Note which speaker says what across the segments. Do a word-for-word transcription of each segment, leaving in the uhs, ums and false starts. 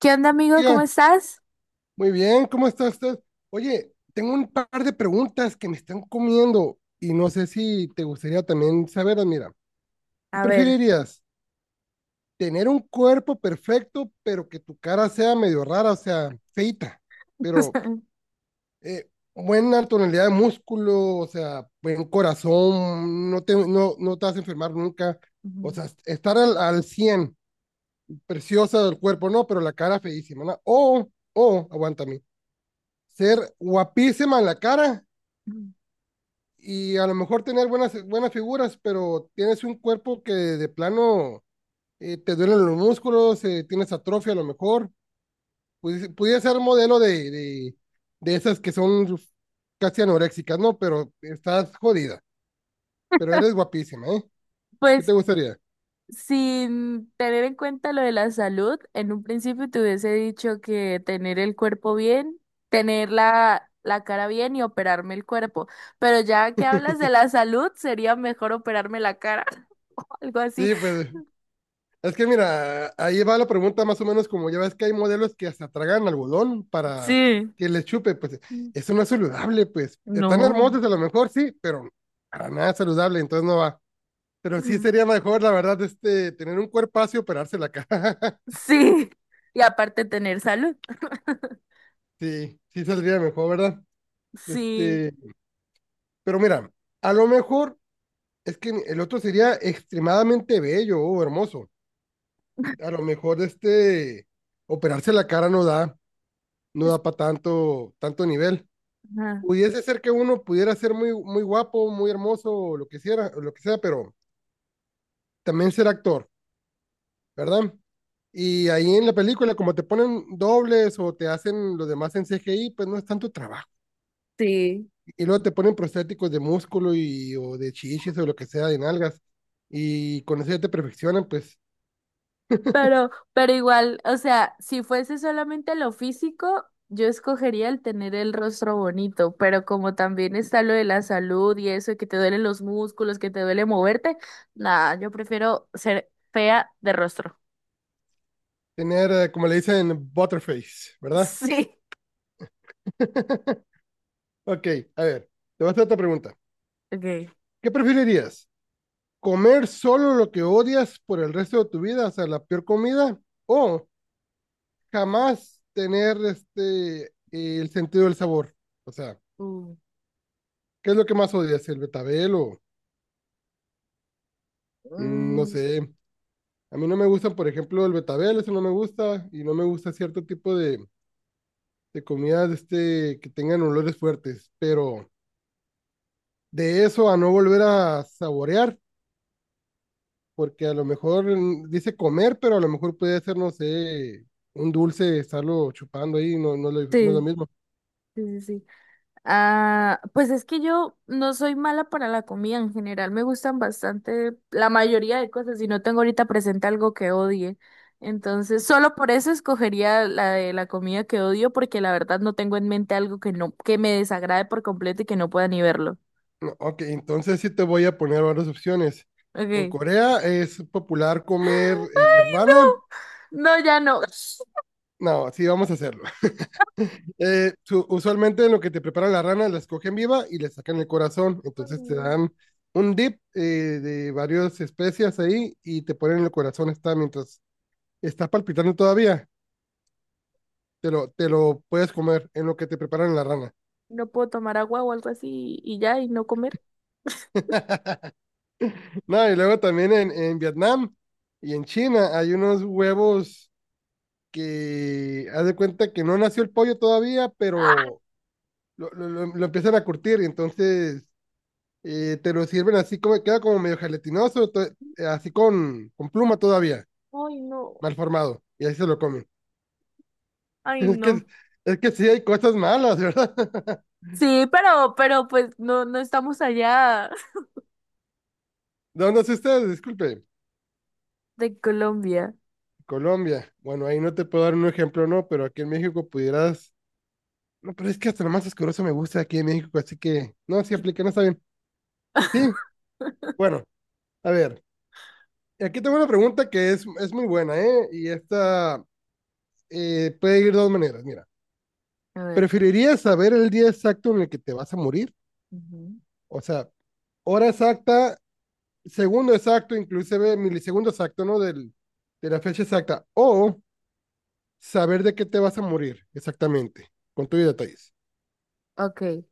Speaker 1: ¿Qué onda, amigo? ¿Cómo
Speaker 2: Oiga,
Speaker 1: estás?
Speaker 2: muy bien, ¿cómo está usted? Oye, tengo un par de preguntas que me están comiendo y no sé si te gustaría también saberlas. Mira, ¿qué
Speaker 1: A ver,
Speaker 2: preferirías? ¿Tener un cuerpo perfecto, pero que tu cara sea medio rara, o sea, feita, pero eh, buena tonalidad de músculo, o sea, buen corazón, no te, no, no te vas a enfermar nunca? O
Speaker 1: Ujú.
Speaker 2: sea, estar al, al cien, preciosa del cuerpo, no, pero la cara feísima, ¿no? O, o, aguántame ser guapísima en la cara y a lo mejor tener buenas, buenas figuras, pero tienes un cuerpo que de plano eh, te duelen los músculos, eh, tienes atrofia a lo mejor. Pudi- Pudiera ser modelo de, de, de esas que son casi anoréxicas, ¿no? Pero estás jodida, pero eres guapísima, ¿eh? ¿Qué te
Speaker 1: pues
Speaker 2: gustaría?
Speaker 1: Sin tener en cuenta lo de la salud, en un principio te hubiese dicho que tener el cuerpo bien, tener la, la cara bien y operarme el cuerpo. Pero ya que hablas de la salud, sería mejor operarme la cara, algo así.
Speaker 2: Sí, pues es que mira, ahí va la pregunta más o menos como ya ves que hay modelos que hasta tragan algodón para
Speaker 1: Sí.
Speaker 2: que les chupe, pues eso no es saludable, pues están
Speaker 1: No.
Speaker 2: hermosos a lo mejor sí, pero para nada saludable, entonces no va. Pero sí sería mejor, la verdad, este, tener un cuerpazo y operarse la cara.
Speaker 1: Sí. Y aparte tener salud.
Speaker 2: Sí, sí saldría mejor, ¿verdad?
Speaker 1: Sí.
Speaker 2: Este, pero mira, a lo mejor es que el otro sería extremadamente bello o hermoso. A lo mejor este, operarse la cara no da, no
Speaker 1: Es-
Speaker 2: da para tanto, tanto nivel.
Speaker 1: ajá.
Speaker 2: Pudiese ser que uno pudiera ser muy, muy guapo, muy hermoso, o lo que sea, lo que sea, pero también ser actor, ¿verdad? Y ahí en la película, como te ponen dobles o te hacen los demás en C G I, pues no es tanto trabajo.
Speaker 1: Sí.
Speaker 2: Y luego te ponen prostéticos de músculo y, o de chichis o lo que sea, de nalgas. Y con eso ya te perfeccionan, pues
Speaker 1: Pero, pero igual, o sea, si fuese solamente lo físico, yo escogería el tener el rostro bonito, pero como también está lo de la salud y eso, que te duelen los músculos, que te duele moverte, nada, yo prefiero ser fea de rostro.
Speaker 2: tener, eh, como le dicen, butterface, ¿verdad?
Speaker 1: Sí.
Speaker 2: Ok, a ver, te voy a hacer otra pregunta.
Speaker 1: Okay.
Speaker 2: ¿Qué preferirías? Comer solo lo que odias por el resto de tu vida, o sea, la peor comida, o jamás tener este eh, el sentido del sabor. O sea,
Speaker 1: Mm.
Speaker 2: ¿qué es lo que más odias? ¿El betabel o mm, no
Speaker 1: Mm,
Speaker 2: sé? A mí no me gustan, por ejemplo, el betabel, eso no me gusta, y no me gusta cierto tipo de, de comidas de este, que tengan olores fuertes, pero de eso a no volver a saborear, porque a lo mejor mm, dice comer, pero a lo mejor puede ser, no sé, un dulce, estarlo chupando ahí, no, no, lo- no es lo
Speaker 1: sí,
Speaker 2: mismo.
Speaker 1: sí, sí, sí. Ah, pues es que yo no soy mala para la comida en general, me gustan bastante la mayoría de cosas y no tengo ahorita presente algo que odie. Entonces, solo por eso escogería la de la comida que odio porque la verdad no tengo en mente algo que no que me desagrade por completo y que no pueda ni verlo.
Speaker 2: No, ok, entonces sí te voy a poner varias opciones. En
Speaker 1: Okay.
Speaker 2: Corea es popular comer eh, rana.
Speaker 1: No, ya no.
Speaker 2: No, sí, vamos a hacerlo. Eh, su- usualmente en lo que te preparan la rana, la escogen viva y le sacan el corazón.
Speaker 1: Ay,
Speaker 2: Entonces te
Speaker 1: no.
Speaker 2: dan un dip eh, de varias especias ahí y te ponen el corazón está mientras está palpitando todavía. te lo, te lo puedes comer en lo que te preparan la rana.
Speaker 1: No puedo tomar agua o algo así y ya y no comer.
Speaker 2: No, y luego también en, en Vietnam y en China hay unos huevos que haz de cuenta que no nació el pollo todavía, pero lo, lo, lo- lo empiezan a curtir y entonces eh, te lo sirven así como, queda como medio gelatinoso, to- eh, así con, con pluma todavía,
Speaker 1: Ay, no.
Speaker 2: mal formado, y ahí se lo comen.
Speaker 1: Ay,
Speaker 2: Es
Speaker 1: no.
Speaker 2: que, es que sí hay cosas malas, ¿verdad?
Speaker 1: Sí, pero pero pues no no estamos allá.
Speaker 2: ¿De dónde es usted? Disculpe.
Speaker 1: De Colombia.
Speaker 2: Colombia. Bueno, ahí no te puedo dar un ejemplo, no, pero aquí en México pudieras. No, pero es que hasta lo más asqueroso me gusta aquí en México, así que no, sí aplica, no está bien. Sí, bueno, a ver, aquí tengo una pregunta que es, es muy buena, ¿eh? Y esta eh, puede ir de dos maneras, mira.
Speaker 1: A ver.
Speaker 2: ¿Preferirías saber el día exacto en el que te vas a morir?
Speaker 1: Ujú.
Speaker 2: O sea, hora exacta, segundo exacto, inclusive milisegundo exacto, ¿no? Del, de la fecha exacta. O saber de qué te vas a morir exactamente, con tus detalles.
Speaker 1: Ok.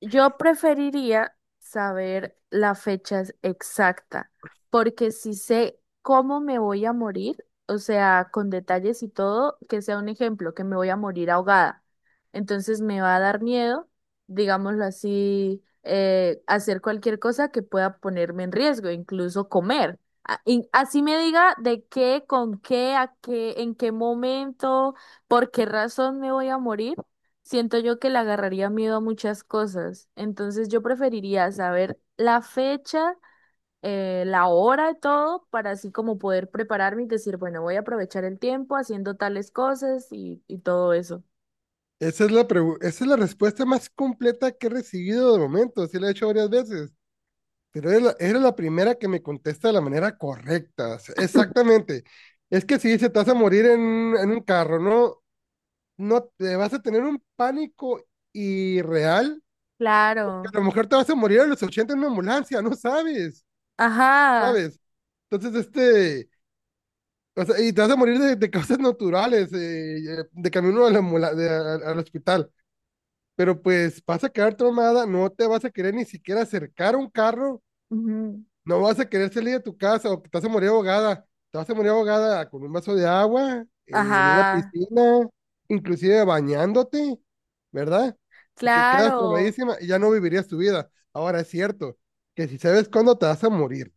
Speaker 1: Yo preferiría saber la fecha ex- exacta, porque si sé cómo me voy a morir, o sea, con detalles y todo, que sea un ejemplo, que me voy a morir ahogada. Entonces me va a dar miedo, digámoslo así, eh, hacer cualquier cosa que pueda ponerme en riesgo, incluso comer. A- y así me diga de qué, con qué, a qué, en qué momento, por qué razón me voy a morir. Siento yo que le agarraría miedo a muchas cosas. Entonces yo preferiría saber la fecha, eh, la hora y todo, para así como poder prepararme y decir, bueno, voy a aprovechar el tiempo haciendo tales cosas y, y todo eso.
Speaker 2: Esa es la, pregu- esa es la respuesta más completa que he recibido de momento, sí la he hecho varias veces. Pero era la, era la primera que me contesta de la manera correcta. O sea, exactamente. Es que si se te vas a morir en, en un carro, ¿no? No te vas a tener un pánico irreal, que
Speaker 1: Claro.
Speaker 2: a lo mejor te vas a morir a los ochenta en una ambulancia, no sabes,
Speaker 1: Ajá.
Speaker 2: ¿sabes? Entonces, este, o sea, y te vas a morir de, de causas naturales, eh, eh, de camino a la ambula- de- a- al hospital. Pero pues vas a quedar traumada, no te vas a querer ni siquiera acercar a un carro.
Speaker 1: Ujú.
Speaker 2: No vas a querer salir de tu casa o que te vas a morir ahogada. Te vas a morir ahogada con un vaso de agua, eh, en una
Speaker 1: Ajá.
Speaker 2: piscina, inclusive bañándote, ¿verdad? Porque quedas
Speaker 1: Claro.
Speaker 2: traumadísima y ya no vivirías tu vida. Ahora es cierto que si sabes cuándo te vas a morir,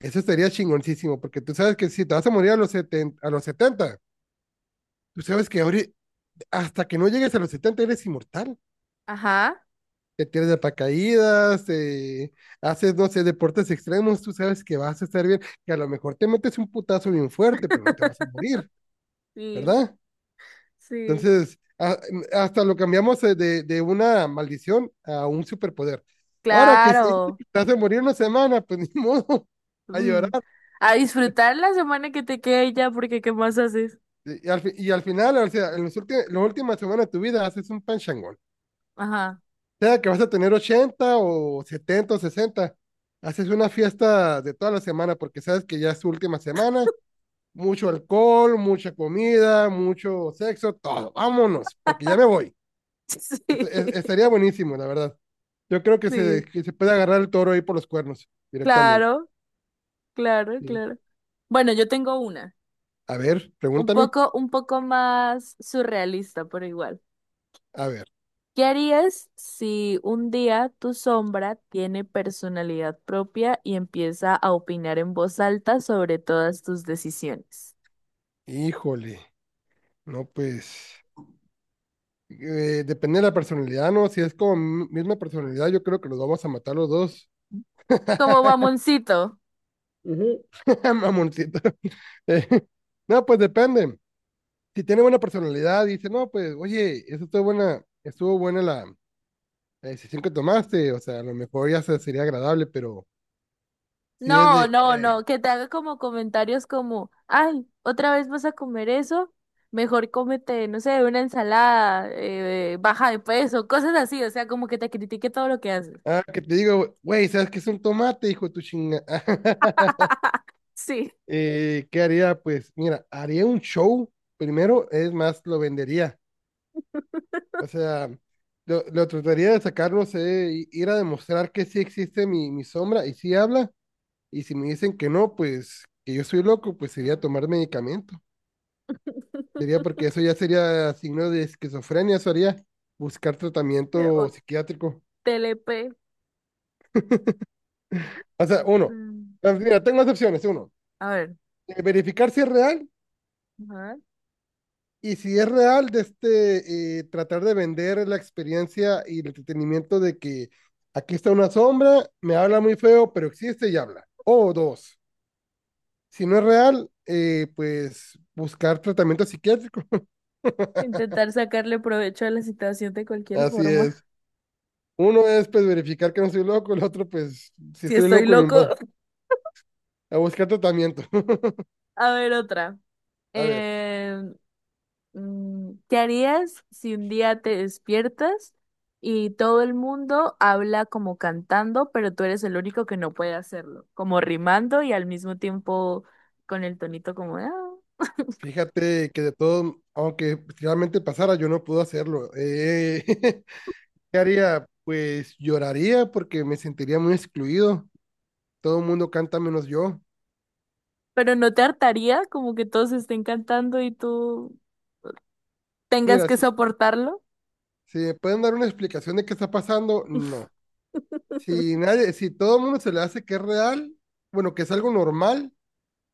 Speaker 2: eso sería chingoncísimo, porque tú sabes que si te vas a morir a los setenta a los setenta tú sabes que ahorita, hasta que no llegues a los setenta eres inmortal.
Speaker 1: Ajá.
Speaker 2: Te tiras de paracaídas, eh, haces, no sé, deportes extremos, tú sabes que vas a estar bien, que a lo mejor te metes un putazo bien fuerte, pero no te vas a morir,
Speaker 1: Sí,
Speaker 2: ¿verdad?
Speaker 1: sí.
Speaker 2: Entonces, a- hasta lo cambiamos eh, de, de una maldición a un superpoder. Ahora que si
Speaker 1: Claro.
Speaker 2: te vas a morir una semana, pues ni modo, a
Speaker 1: Mm.
Speaker 2: llorar.
Speaker 1: A disfrutar la semana que te quede ya, porque ¿qué más haces?
Speaker 2: Y, y al, fi- y al final, o sea, en los últimos, las últimas semanas de tu vida haces un panchangón.
Speaker 1: Ajá.
Speaker 2: Sea que vas a tener ochenta o setenta o sesenta haces una fiesta de toda la semana porque sabes que ya es su última semana, mucho alcohol, mucha comida, mucho sexo, todo. Vámonos, porque ya me voy. Est-
Speaker 1: Sí,
Speaker 2: es- estaría buenísimo, la verdad. Yo creo que se,
Speaker 1: sí,
Speaker 2: que se puede agarrar el toro ahí por los cuernos directamente.
Speaker 1: claro, claro,
Speaker 2: Sí.
Speaker 1: claro. Bueno, yo tengo una,
Speaker 2: A ver,
Speaker 1: un
Speaker 2: pregúntame.
Speaker 1: poco, un poco más surrealista, pero igual.
Speaker 2: A ver,
Speaker 1: ¿Qué harías si un día tu sombra tiene personalidad propia y empieza a opinar en voz alta sobre todas tus decisiones?
Speaker 2: híjole, no pues. eh, depende de la personalidad, ¿no? Si es como mi- misma personalidad, yo creo que los vamos a matar los dos.
Speaker 1: Como mamoncito.
Speaker 2: Ujú. Mamoncito. Eh, no, pues depende. Si tiene buena personalidad, dice, no, pues, oye, eso estuvo buena, estuvo buena la, la decisión que tomaste, o sea, a lo mejor ya se- sería agradable, pero si es
Speaker 1: No,
Speaker 2: de,
Speaker 1: no,
Speaker 2: eh,
Speaker 1: no, que te haga como comentarios como, ay, otra vez vas a comer eso, mejor cómete, no sé, una ensalada, eh, baja de peso, cosas así, o sea, como que te critique todo lo que haces.
Speaker 2: ah, que te digo, güey, ¿sabes qué es un tomate, hijo de tu chinga?
Speaker 1: Sí.
Speaker 2: Eh, ¿qué haría? Pues, mira, haría un show primero, es más, lo vendería, o sea, lo, lo trataría de sacar, no sé, i- ir a demostrar que sí existe mi, mi sombra y sí habla. Y si me dicen que no, pues que yo soy loco, pues sería tomar medicamento. Sería porque eso ya sería signo de esquizofrenia, eso haría buscar
Speaker 1: Mira, o
Speaker 2: tratamiento psiquiátrico.
Speaker 1: T L P.
Speaker 2: O sea, uno,
Speaker 1: Mm.
Speaker 2: pues, mira, tengo dos opciones. Uno,
Speaker 1: A ver,
Speaker 2: eh, verificar si es real
Speaker 1: ajá.
Speaker 2: y si es real, de este, eh, tratar de vender la experiencia y el entretenimiento de que aquí está una sombra, me habla muy feo, pero existe y habla. O dos, si no es real, eh, pues buscar tratamiento psiquiátrico.
Speaker 1: Intentar sacarle provecho a la situación de cualquier
Speaker 2: Así
Speaker 1: forma.
Speaker 2: es. Uno es pues verificar que no estoy loco, el otro pues si
Speaker 1: Si
Speaker 2: estoy
Speaker 1: estoy
Speaker 2: loco ni
Speaker 1: loco.
Speaker 2: modo, a buscar tratamiento.
Speaker 1: A ver, otra.
Speaker 2: A ver,
Speaker 1: em, Mm, ¿qué harías si un día te despiertas y todo el mundo habla como cantando, pero tú eres el único que no puede hacerlo? Como rimando y al mismo tiempo con el tonito como, "Ah".
Speaker 2: fíjate que de todo, aunque si realmente pasara, yo no puedo hacerlo. Eh, ¿qué haría? Pues lloraría porque me sentiría muy excluido. Todo el mundo canta menos yo.
Speaker 1: Pero ¿no te hartaría como que todos estén cantando y tú tengas
Speaker 2: Mira,
Speaker 1: que
Speaker 2: si,
Speaker 1: soportarlo?
Speaker 2: si me pueden dar una explicación de qué está pasando, no. Si nadie, si todo el mundo se le hace que es real, bueno, que es algo normal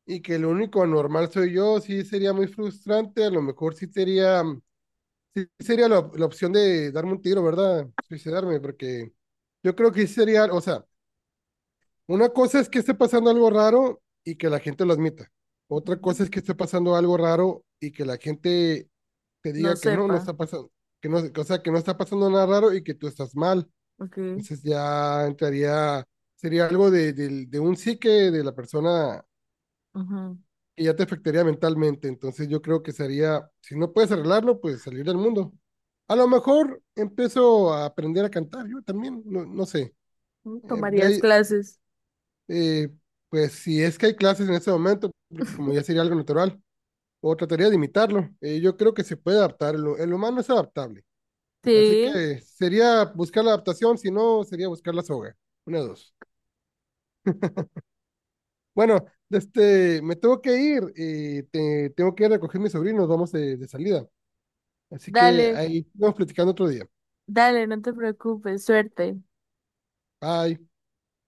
Speaker 2: y que lo único anormal soy yo, sí sería muy frustrante, a lo mejor sí sería. Sí, sería la, op- la opción de darme un tiro, ¿verdad? Suicidarme, porque yo creo que sí sería, o sea, una cosa es que esté pasando algo raro y que la gente lo admita. Otra
Speaker 1: Ujú.
Speaker 2: cosa es que esté pasando algo raro y que la gente te
Speaker 1: No
Speaker 2: diga que no, no
Speaker 1: sepa.
Speaker 2: está pasando, que no, o sea, que no está pasando nada raro y que tú estás mal.
Speaker 1: Ok.
Speaker 2: Entonces ya entraría, sería algo de, del- de un psique de la persona
Speaker 1: Ujú.
Speaker 2: y ya te afectaría mentalmente. Entonces yo creo que sería, si no puedes arreglarlo, pues salir del mundo. A lo mejor empiezo a aprender a cantar, yo también, no, no sé.
Speaker 1: Mm,
Speaker 2: Eh, de
Speaker 1: ¿tomarías
Speaker 2: ahí,
Speaker 1: clases?
Speaker 2: eh, pues si es que hay clases en ese momento, porque como ya sería algo natural, o trataría de imitarlo. Eh, yo creo que se puede adaptar, el, el humano es adaptable. Así
Speaker 1: Sí,
Speaker 2: que sería buscar la adaptación, si no, sería buscar la soga. Una, de dos. Bueno, este, me tengo que ir, eh, te- tengo que ir a recoger a mis sobrinos, vamos de, de salida. Así que
Speaker 1: dale,
Speaker 2: ahí vamos platicando otro día.
Speaker 1: dale, no te preocupes, suerte.
Speaker 2: Bye.